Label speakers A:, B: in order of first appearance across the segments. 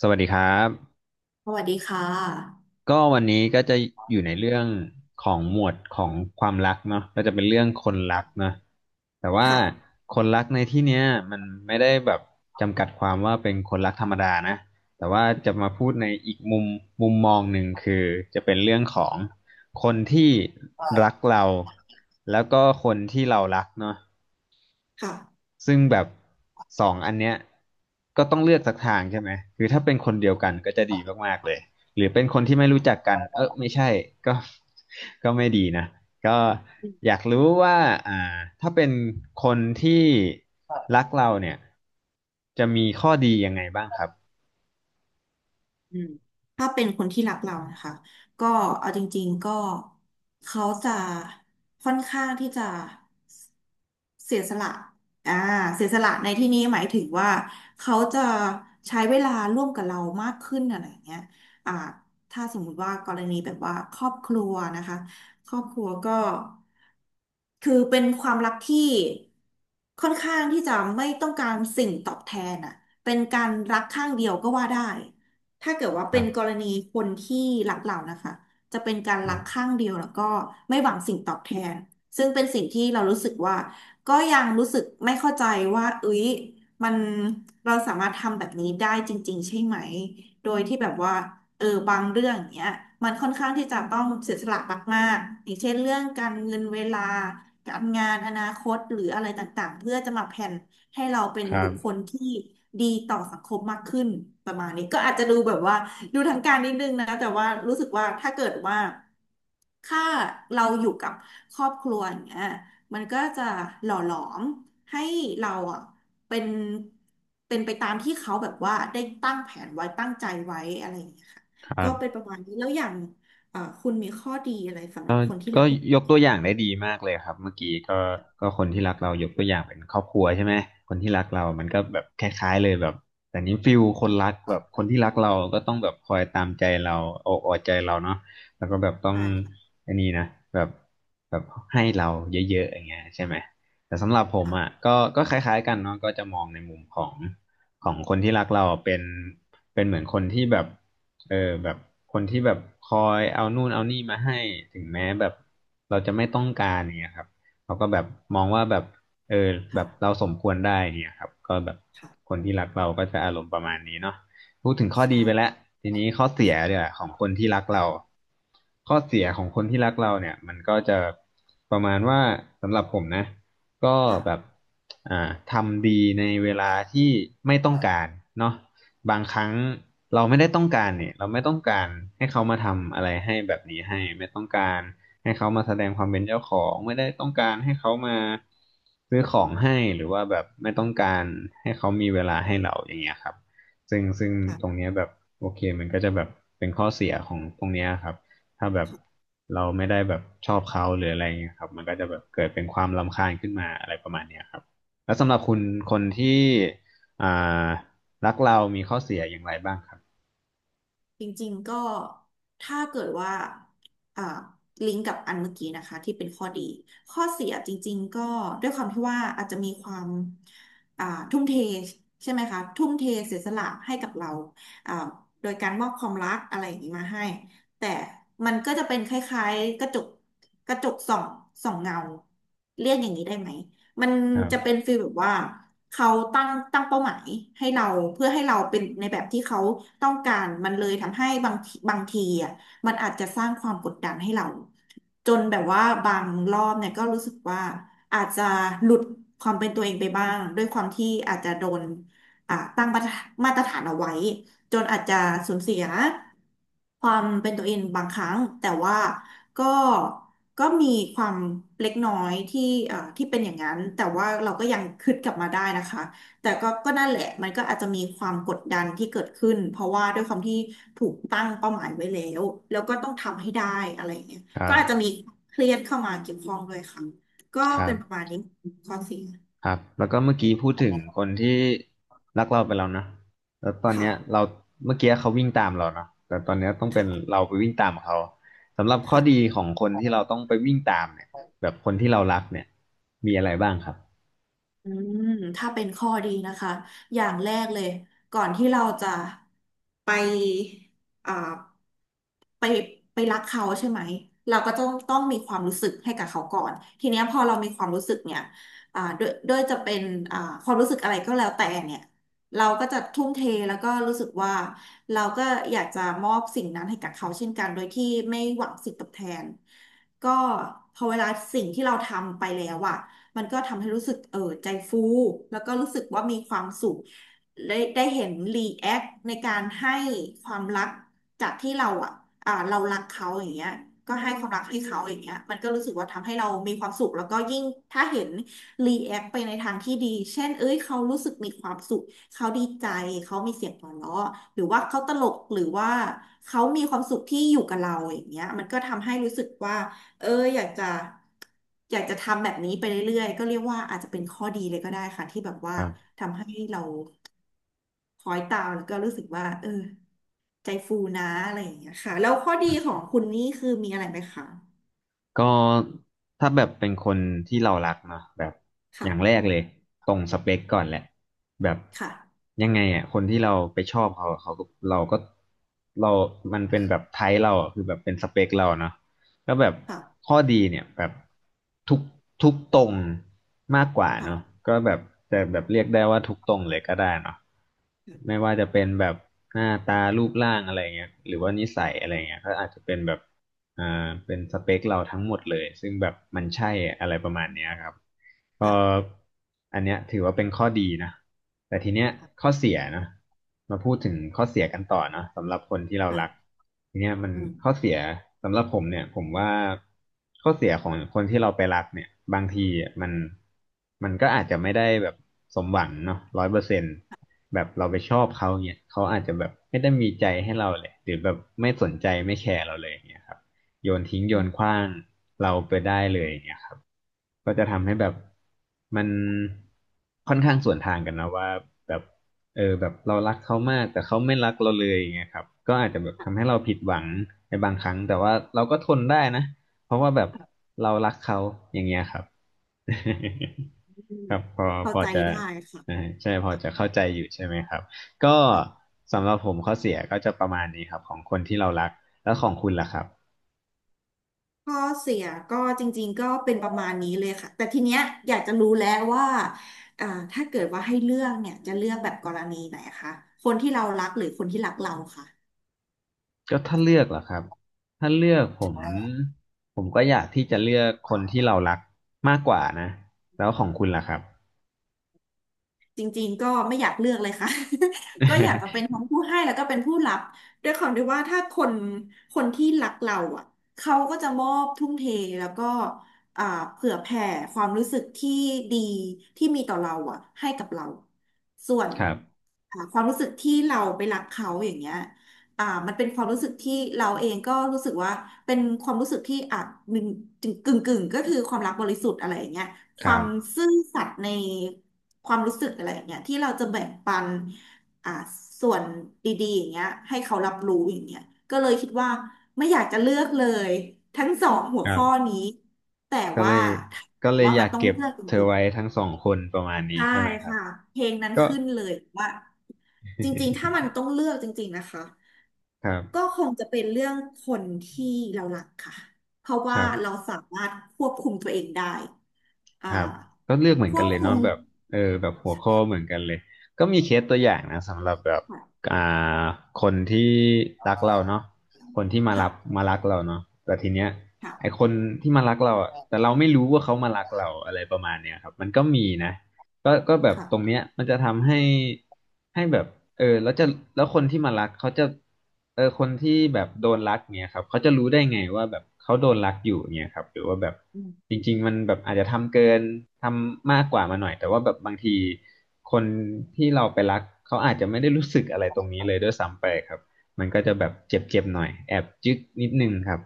A: สวัสดีครับ
B: สวัสดีค่ะ
A: ก็วันนี้ก็จะอยู่ในเรื่องของหมวดของความรักเนาะก็จะเป็นเรื่องคนรักเนาะแต่ว่า
B: ค่ะ
A: คนรักในที่เนี้ยมันไม่ได้แบบจำกัดความว่าเป็นคนรักธรรมดานะแต่ว่าจะมาพูดในอีกมุมมุมมองหนึ่งคือจะเป็นเรื่องของคนที่รัก
B: ค่ะ
A: เราแล้วก็คนที่เรารักเนาะ ซึ่งแบบสองอันเนี้ยก็ต้องเลือกสักทางใช่ไหมคือถ้าเป็นคนเดียวกันก็จะดีมากๆเลย หรือเป็นคนที่ไม่รู้จักกัน เออไม่ใช่ก็ ก็ไม่ดีนะ ก็
B: อืม
A: อยากรู้ว่าอ่าถ้าเป็นคนที่รักเราเนี่ยจะมีข้อดียังไงบ้างครับ
B: อืมถ้าเป็นคนที่รักเรานะคะก็เอาจริงๆก็เขาจะค่อนข้างที่จะ เสียสละอ่าเสียสละในที่นี้หมายถึงว่าเขาจะใช้เวลาร่วมกับเรามากขึ้นอะไรอย่างเงี้ยอ่าถ้าสมมุติว่ากรณีแบบว่าครอบครัวนะคะครอบครัวก็คือเป็นความรักที่ค่อนข้างที่จะไม่ต้องการสิ่งตอบแทนอ่ะเป็นการรักข้างเดียวก็ว่าได้ถ้าเกิดว่า
A: ค
B: เป็
A: รั
B: นก
A: บ
B: รณีคนที่รักเรานะคะจะเป็นการ
A: ค
B: รัก
A: รับ
B: ข้างเดียวแล้วก็ไม่หวังสิ่งตอบแทน ซึ่งเป็นสิ่งที่เรารู้สึกว่า ก็ยังรู้สึกไม่เข้าใจว่าเอ้ยมันเราสามารถทำแบบนี้ได้จริงๆใช่ไหมโดยที่แบบว่าบางเรื่องเนี้ยมันค่อนข้างที่จะต้องเสียสละมากๆอย่างเช่นเรื่องการเงินเวลาการงานอนาคตหรืออะไรต่างๆเพื่อจะมาแผนให้เราเป็นบุค
A: ค
B: คลที่ดีต่อสังคมมากขึ้นประมาณนี้ก็อาจจะดูแบบว่าดูทางการนิดนึงนะแต่ว่ารู้สึกว่าถ้าเกิดว่าถ้าเราอยู่กับครอบครัวอย่างเงี้ย มันก็จะหล่อหลอมให้เราอ่ะเป็นไปตามที่เขาแบบว่าได้ตั้งแผนไว้ตั้งใจไว้อะไรอย่างเงี้ยค่ะ
A: รั
B: ก็
A: บ
B: เป็นประมาณนี้แล้วอย่างคุณมีข้อดีอะไรสำหรับคนที่
A: ก็
B: รักลูก
A: ยกตัวอย่างได้ดีมากเลยครับเมื่อกี้ก็ก็คนที่รักเรายกตัวอย่างเป็นครอบครัวใช่ไหมคนที่รักเรามันก็แบบคล้ายๆเลยแบบแต่นี้ฟิลคนรักแบบคนที่รักเราก็ต้องแบบคอยตามใจเราเอาอกเอาใจเราเนาะแล้วก็แบบต้อง
B: ชายค่ะ
A: อันนี้นะแบบแบบให้เราเยอะๆอย่างเงี้ยใช่ไหมแต่สำหรับผมอ่ะ
B: ค่ะ
A: ก็ก็คล้ายๆกันเนาะก็จะมองในมุมของของคนที่รักเราเป็นเป็นเหมือนคนที่แบบ เออแบบคนที่แบบคอยเอานู่นเอานี่มาให้ถึงแม้แบบเราจะไม่ต้องการเนี่ยครับเขาก็แบบมองว่าแบบเออแบบเรา
B: ค่ะ
A: สมควรได้เนี่ยครับก็แบบ
B: ค่ะ
A: คนที่รักเราก็จะอารมณ์ประมาณนี้เนาะพูดถึงข้อดีไปแล้
B: ใช่
A: วทีนี้ข้อเสียเนี่
B: ค่
A: ยของคนที่รักเราข้อเสียของคนที่รักเราเนี่ยมันก็จะประมาณว่าสำหรับผมนะก็
B: ะ
A: แบบอ่าทำดีในเวลาที่ไม่ต้องการเนาะ บางครั้งเราไม่ได้ต้องการเนี่ยเราไม่ต้องการให้เขามาทำอะไรให้แบบนี้ให้ไม่ต้องการให้เขามาแสดงความเป็นเจ้าของไม่ได้ต้องการให้เขามาซื้อของให้หรือว่าแบบไม่ต้องการให้เขามีเวลาให้เราอย่างเงี้ยครับซึ่งตรง
B: ค่ะ
A: เนี้ยแบบโอเคมันก็จะแบบเป็นข้อเสียของตรงเนี้ยครับถ้าแบบเราไม่ได้แบบชอบเขาหรืออะไรเงี้ยครับมันก็จะแบบเกิดเป็นความรำคาญขึ้นมาอะไรประมาณเนี้ยครับแล้วสำหรับคุณคนที่อ่า รักเรามีข้อเสียอย่างไรบ้างครับ
B: จริงๆก็ถ้าเกิดว่าอ่าลิงก์กับอันเมื่อกี้นะคะที่เป็นข้อดีข้อเสียจริงๆก็ด้วยความที่ว่าอาจจะมีความอ่าทุ่มเทใช่ไหมคะทุ่มเทเสียสละให้กับเราอ่าโดยการมอบความรักอะไรอย่างนี้มาให้แต่มันก็จะเป็นคล้ายๆกระจกกระจกส่องส่องเงาเรียกอย่างนี้ได้ไหม มัน
A: ครั
B: จะเป็น
A: บ
B: ฟีลแบบว่าเขาตั้งเป้าหมายให้เราเพื่อให้เราเป็นในแบบที่เขาต้องการมันเลยทำให้บางทีบางทีอ่ะมันอาจจะสร้างความกดดันให้เราจนแบบว่าบางรอบเนี่ยก็รู้สึกว่าอาจจะหลุดความเป็นตัวเองไปบ้างด้วยความที่อาจจะโดนตั้งมาตรฐานเอาไว้ จนอาจจะสูญเสียความเป็นตัวเองบางครั้งแต่ว่าก็มีความเล็กน้อยที่ที่เป็นอย่างนั้นแต่ว่าเราก็ยังคืดกลับมาได้นะคะแต่ก็นั่นแหละมันก็อาจจะมีความกดดันที่เกิดขึ้นเพราะว่าด้วยความที่ถูกตั้งเป้าหมายไว้แล้วแล้วก็ต้องทำให้ได้อะไรอย่างเงี้ย
A: ครั
B: ก็
A: บ
B: อาจจะมีเครียดเข้ามาเกี่ยวข้องด้วยค่ะก็
A: ครั
B: เป็นประมาณ
A: บ
B: นี้ข้อสี่
A: ครับแล้วก็เมื่อกี้พูดถึงคนที่รักเราไปแล้วนะแล้วตอน
B: ค่ะ
A: เนี้ยเราเมื่อกี้เขาวิ่งตามเราเนาะแต่ตอนเนี้ยต้องเป็น
B: ค่ะ
A: เราไปวิ่งตามเขาสำหรับข้อดีข
B: ค่ะ
A: องคนที่เราต้องไปวิ่งตามเนี่ยแบบคนที่เรารักเนี่ยมีอะไรบ้างครับ
B: อืมถ้าเป็นข้อดีนะคะอย่างแรกเลยก่อนที่เราจะไปอ่าไปไปรักเขาใช่ไหมเราก็ต้องมีความรู้สึกให้กับเขาก่อนทีเนี้ยพอเรามีความรู้สึกเนี่ยด้วยจะเป็นความรู้สึกอะไรก็แล้วแต่เนี่ยเราก็จะทุ่มเทแล้วก็รู้สึกว่าเราก็อยากจะมอบสิ่งนั้นให้กับเขาเช่นกันโดยที่ไม่หวังสิ่งตอบแทนก็พอเวลาสิ่งที่เราทำไปแล้วอะ มันก็ทำให้รู้สึกเออใจฟู แล้วก็รู้สึกว่ามีความสุข ได้เห็นรีแอคในการให้ความรักจากที่เราอ่ะเรารักเขาอย่างเงี้ยก็ให้ความรักให้เขาอย่างเงี้ยมันก็รู้สึกว่าทำให้เรามีความสุขแล้วก็ยิ่ง ถ้าเห็นรีแอคไปในทางที่ดี เช่นเอ้ยเขารู้สึกมีความสุข เขาดีใจ เขามีเสียงหัวเราะหรือว่าเขาตลกหรือว่าเขามีความสุขที่อยู่กับเราอย่างเงี้ยมันก็ทำให้รู้สึกว่า เอออยากจะอยากจะทำแบบนี้ไปเรื่อยๆก็เรียกว่าอาจจะเป็นข้อดีเลยก็ได้ค่ะที่แบบว่า
A: ครับ
B: ทำให้เราคอยตามแล้วก็รู้สึกว่าเออใจฟูนะอะไรอย่างเงี้ยค่ะแล้วข้อดีของคุณนี่คือมีอะไรไหมคะ
A: ก็ถ้าแบบเป็นคนที่เรารักเนาะแบบอย่างแร
B: ค่ะ
A: กเลยตรงสเปคก่อนแหละแบบ
B: ค่ะ
A: ยังไงอ่ะคนที่เราไปชอบเขาเขาก็เราก็เรามันเป็นแบบไทป์เราอะคือแบบเป็นสเปคเราเนาะแล้วแบบ
B: ค่ะ
A: ข้อดีเนี่ยแบบทุกทุกตรงมากกว่าเนาะ
B: ค่ะ
A: ก็แบบแต่แบบเรียกได้ว่าทุกตรงเลยก็ได้เนาะไม่ว่าจะเป็นแบบหน้าตารูปร่างอะไรเงี้ยหรือว่านิสัยอะไรเงี้ยก็อาจจะเป็นแบบ อ่าเป็นสเปคเราทั้งหมดเลยซึ่งแบบมันใช่อะไรประมาณเนี้ยครับก็
B: ค่ะ
A: อันเนี้ยถือว่าเป็นข้อดีนะแต่ทีเนี้ย
B: ค่ะ
A: ข้อเสียนะมาพูดถึงข้อเสียกันต่อเนอะสำหรับคนที่เรารัก
B: ค่ะ
A: ทีเนี้ยมัน
B: อืม
A: ข้อเสียสำหรับผมเนี่ยผมว่าข้อเสียของคนที่เราไปรักเนี่ยบางทีมันมันก็อาจจะไม่ได้แบบสมหวังเนาะร้อยเปอร์เซ็นต์แบบเราไปชอบเขาเนี่ยเขาอาจจะแบบไม่ได้มีใจให้เราเลยหรือแบบไม่สนใจไม่แคร์เราเลยอย่างเนี่ยครับ โยนทิ้งโย
B: อื
A: นข
B: ม
A: ว้างเราไปได้เลยอย่างเงี้ยครับก็จะทำให้แบบมันค่อนข้างสวนทางกันนะว่าแบบเออแบบเรารักเขามากแต่เขาไม่รักเราเลยอย่างเงี้ยครับก็อาจจะแบบทำให้
B: ค่ะ
A: เราผิดหวังในบางครั้งแต่ว่าเราก็ทนได้นะเพราะว่าแบบเรารักเขาอย่างเงี้ยครับ
B: อื ม
A: ครับพอ
B: เข้า
A: พอ
B: ใจ
A: จะ
B: ได้ค่ะ
A: อ่าใช่พ
B: ค
A: อจะเข้าใจอยู่ใช่ไหมครับก็
B: ่ะ
A: สำหรับผมข้อเสียก็จะประมาณนี้ครับของคนที่เรารักแล้วของคุณล่ะครับ
B: ข้อเสียก็จริงๆก็เป็นประมาณนี้เลยค่ะแต่ทีเนี้ยอยากจะรู้แล้วว่าอ่าถ้าเกิดว่าให้เลือกเนี่ยจะเลือกแบบกรณีไหนคะคนที่เรารักหรือคนที่รักเราค่ะ
A: ก็ถ้าเลือกเหรอครับถ้าเลือกผมผมก็อยากที่จะเลือกคนที่เรารักมากกว่านะแล้วของคุณล่ะครับ
B: จริงๆก็ไม่อยากเลือกเลยค่ะ ก็อยากจะเป็นทั้งผู้ให้แล้วก็เป็นผู้รับด้วยความที่ว่าถ้าคนที่รักเราอ่ะเขาก็จะมอบทุ่มเทแล้วก็อ่าเผื่อแผ่ความรู้สึกที่ดีที่มีต่อเราอ่ะให้กับเราส่วน
A: ครับ
B: ความรู้สึกที่เราไปรักเขาอย่างเงี้ยมันเป็นความรู้สึกที่เราเองก็รู้สึกว่าเป็นความรู้สึกที่อาจึกึ่งกึ่งๆก็คือความรักบริสุทธิ์อะไรอย่างเงี้ย ค
A: ค
B: วา
A: รั
B: ม
A: บ
B: ซื่อสัตย์ในความรู้สึกอะไรอย่างเงี้ยที่เราจะแบ่งปันอ่าส่วนดีๆอย่างเงี้ยให้เขารับรู้อย่างเงี้ยก็เลยคิดว่าไม่อยากจะเลือกเลยทั้งสองหัว
A: ครั
B: ข้อ
A: บ
B: นี้แต่
A: ก็เล
B: ว่า
A: ย
B: ถ้าบ
A: ก็
B: อก
A: เลย
B: ว่า
A: อ
B: มั
A: ยา
B: น
A: ก
B: ต้อง
A: เก็บ
B: เลือกจ
A: เธอ
B: ริง
A: ไว้ทั้งสองคนประมาณ
B: ๆ
A: นี้
B: ใช่
A: ใช่ไหมครับ
B: ค่ะเพลงนั้น
A: ก็
B: ขึ้นเลยว่าจริงๆถ้า มันต้องเลือกจริงๆนะคะ
A: ครับ
B: ก็คงจะเป็นเรื่องคนที่เรารักค่ะเพราะ
A: ค
B: ว่า
A: รั
B: เรา
A: บ
B: สามารถควบคุมตัวเองได้อ่า
A: ครับก็เลือกเหมือ
B: ค
A: นกั
B: ว
A: น
B: บ
A: เลย
B: คุ
A: เนาะ
B: ม
A: แบบเออแบบหัวข้อเหมือนกันเลยก็มีเคสตัวอย่างนะสำหรับแบบ
B: ค่ะ
A: อ่าคนที่รักเราเนาะคนที่มารับ
B: ค่ะ
A: มารักเราเนาะแต่ทีเนี้ยไอ
B: ค่ะ
A: คนที่มารักเราอ่ะแต่เราไม่รู้ว่าเขามารักเราอะไรประมาณเนี้ยครับมันก็มีนะ ก็ก็แบบ
B: ค่ะ
A: ตรงเนี้ยมันจะทำให้ให้แบบเออแล้วจะแล้วคนที่มารักเขาจะเออคนที่แบบโดนรักเนี่ยครับเขาจะรู้ได้ไงว่าแบบเขาโดนรักอยู่เนี่ยครับหรือว่าแบบ
B: อื
A: จ
B: ม
A: ริงๆมันแบบอาจจะทำเกินทำมากกว่ามาหน่อยแต่ว่าแบบบางทีคนที่เราไปรักเขาอาจจะไม่ได้รู้สึกอะไรตรงนี้เลยด้วยซ้ำไปครับมันก็จะแบบเจ็บๆหน่อยแอบจึ๊กนิดนึงครับ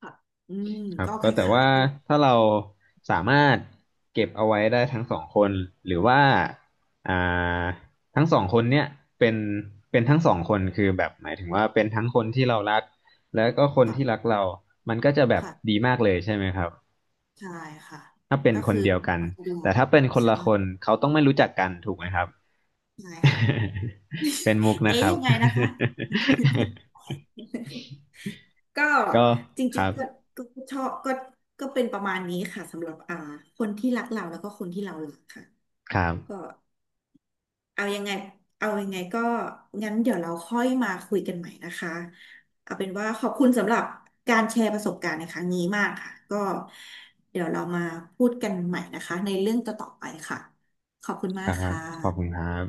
B: ค่ะอืม
A: ครับ
B: ก็ค
A: ก็แต่
B: ล้าย
A: ว่า
B: ๆกัน
A: ถ้าเราสามารถเก็บเอาไว้ได้ทั้งสองคนหรือว่าอ่าทั้งสองคนเนี่ยเป็นเป็นทั้งสองคนคือแบบหมายถึงว่าเป็นทั้งคนที่เรารักแล้วก็คน
B: ค่ะ
A: ที่รักเรามันก็จะแบบ
B: ค่ะ
A: ดีมากเลยใช่ไหมครับ
B: ใช่ค่ะ
A: ถ้าเป็น
B: ก็
A: คน
B: คือ
A: เดียวกัน
B: เอาตัว
A: แต่
B: เรา
A: ถ้าเป็นคน
B: ใช่
A: ละคนเขาต้องไม่รู้จักกันถูกไหมครับ
B: ใช่ค่ะ
A: เป็นมุก
B: เอ๊
A: นะ
B: ย
A: ครับ
B: ยังไงนะคะ ก็
A: ก็
B: จ
A: ค
B: ริง
A: รั
B: ๆก็
A: บ
B: ก็ชอบก็เป็นประมาณนี้ค่ะสำหรับคนที่รักเราแล้วก็คนที่เรารักค่ะ
A: ครับ
B: ก็ เอายังไงเอายังไงก็งั้นเดี๋ยวเราค่อยมาคุยกันใหม่นะคะ เอาเป็นว่าขอบคุณสำหรับการแชร์ประสบการณ์ในครั้งนี้มากค่ะ ก็เดี๋ยวเรามาพูดกันใหม่นะคะในเรื่องต่อๆไปค่ะ ขอบคุณ
A: ค
B: มาก
A: รับ
B: ค่
A: ขอบคุณ
B: ะ
A: ครับ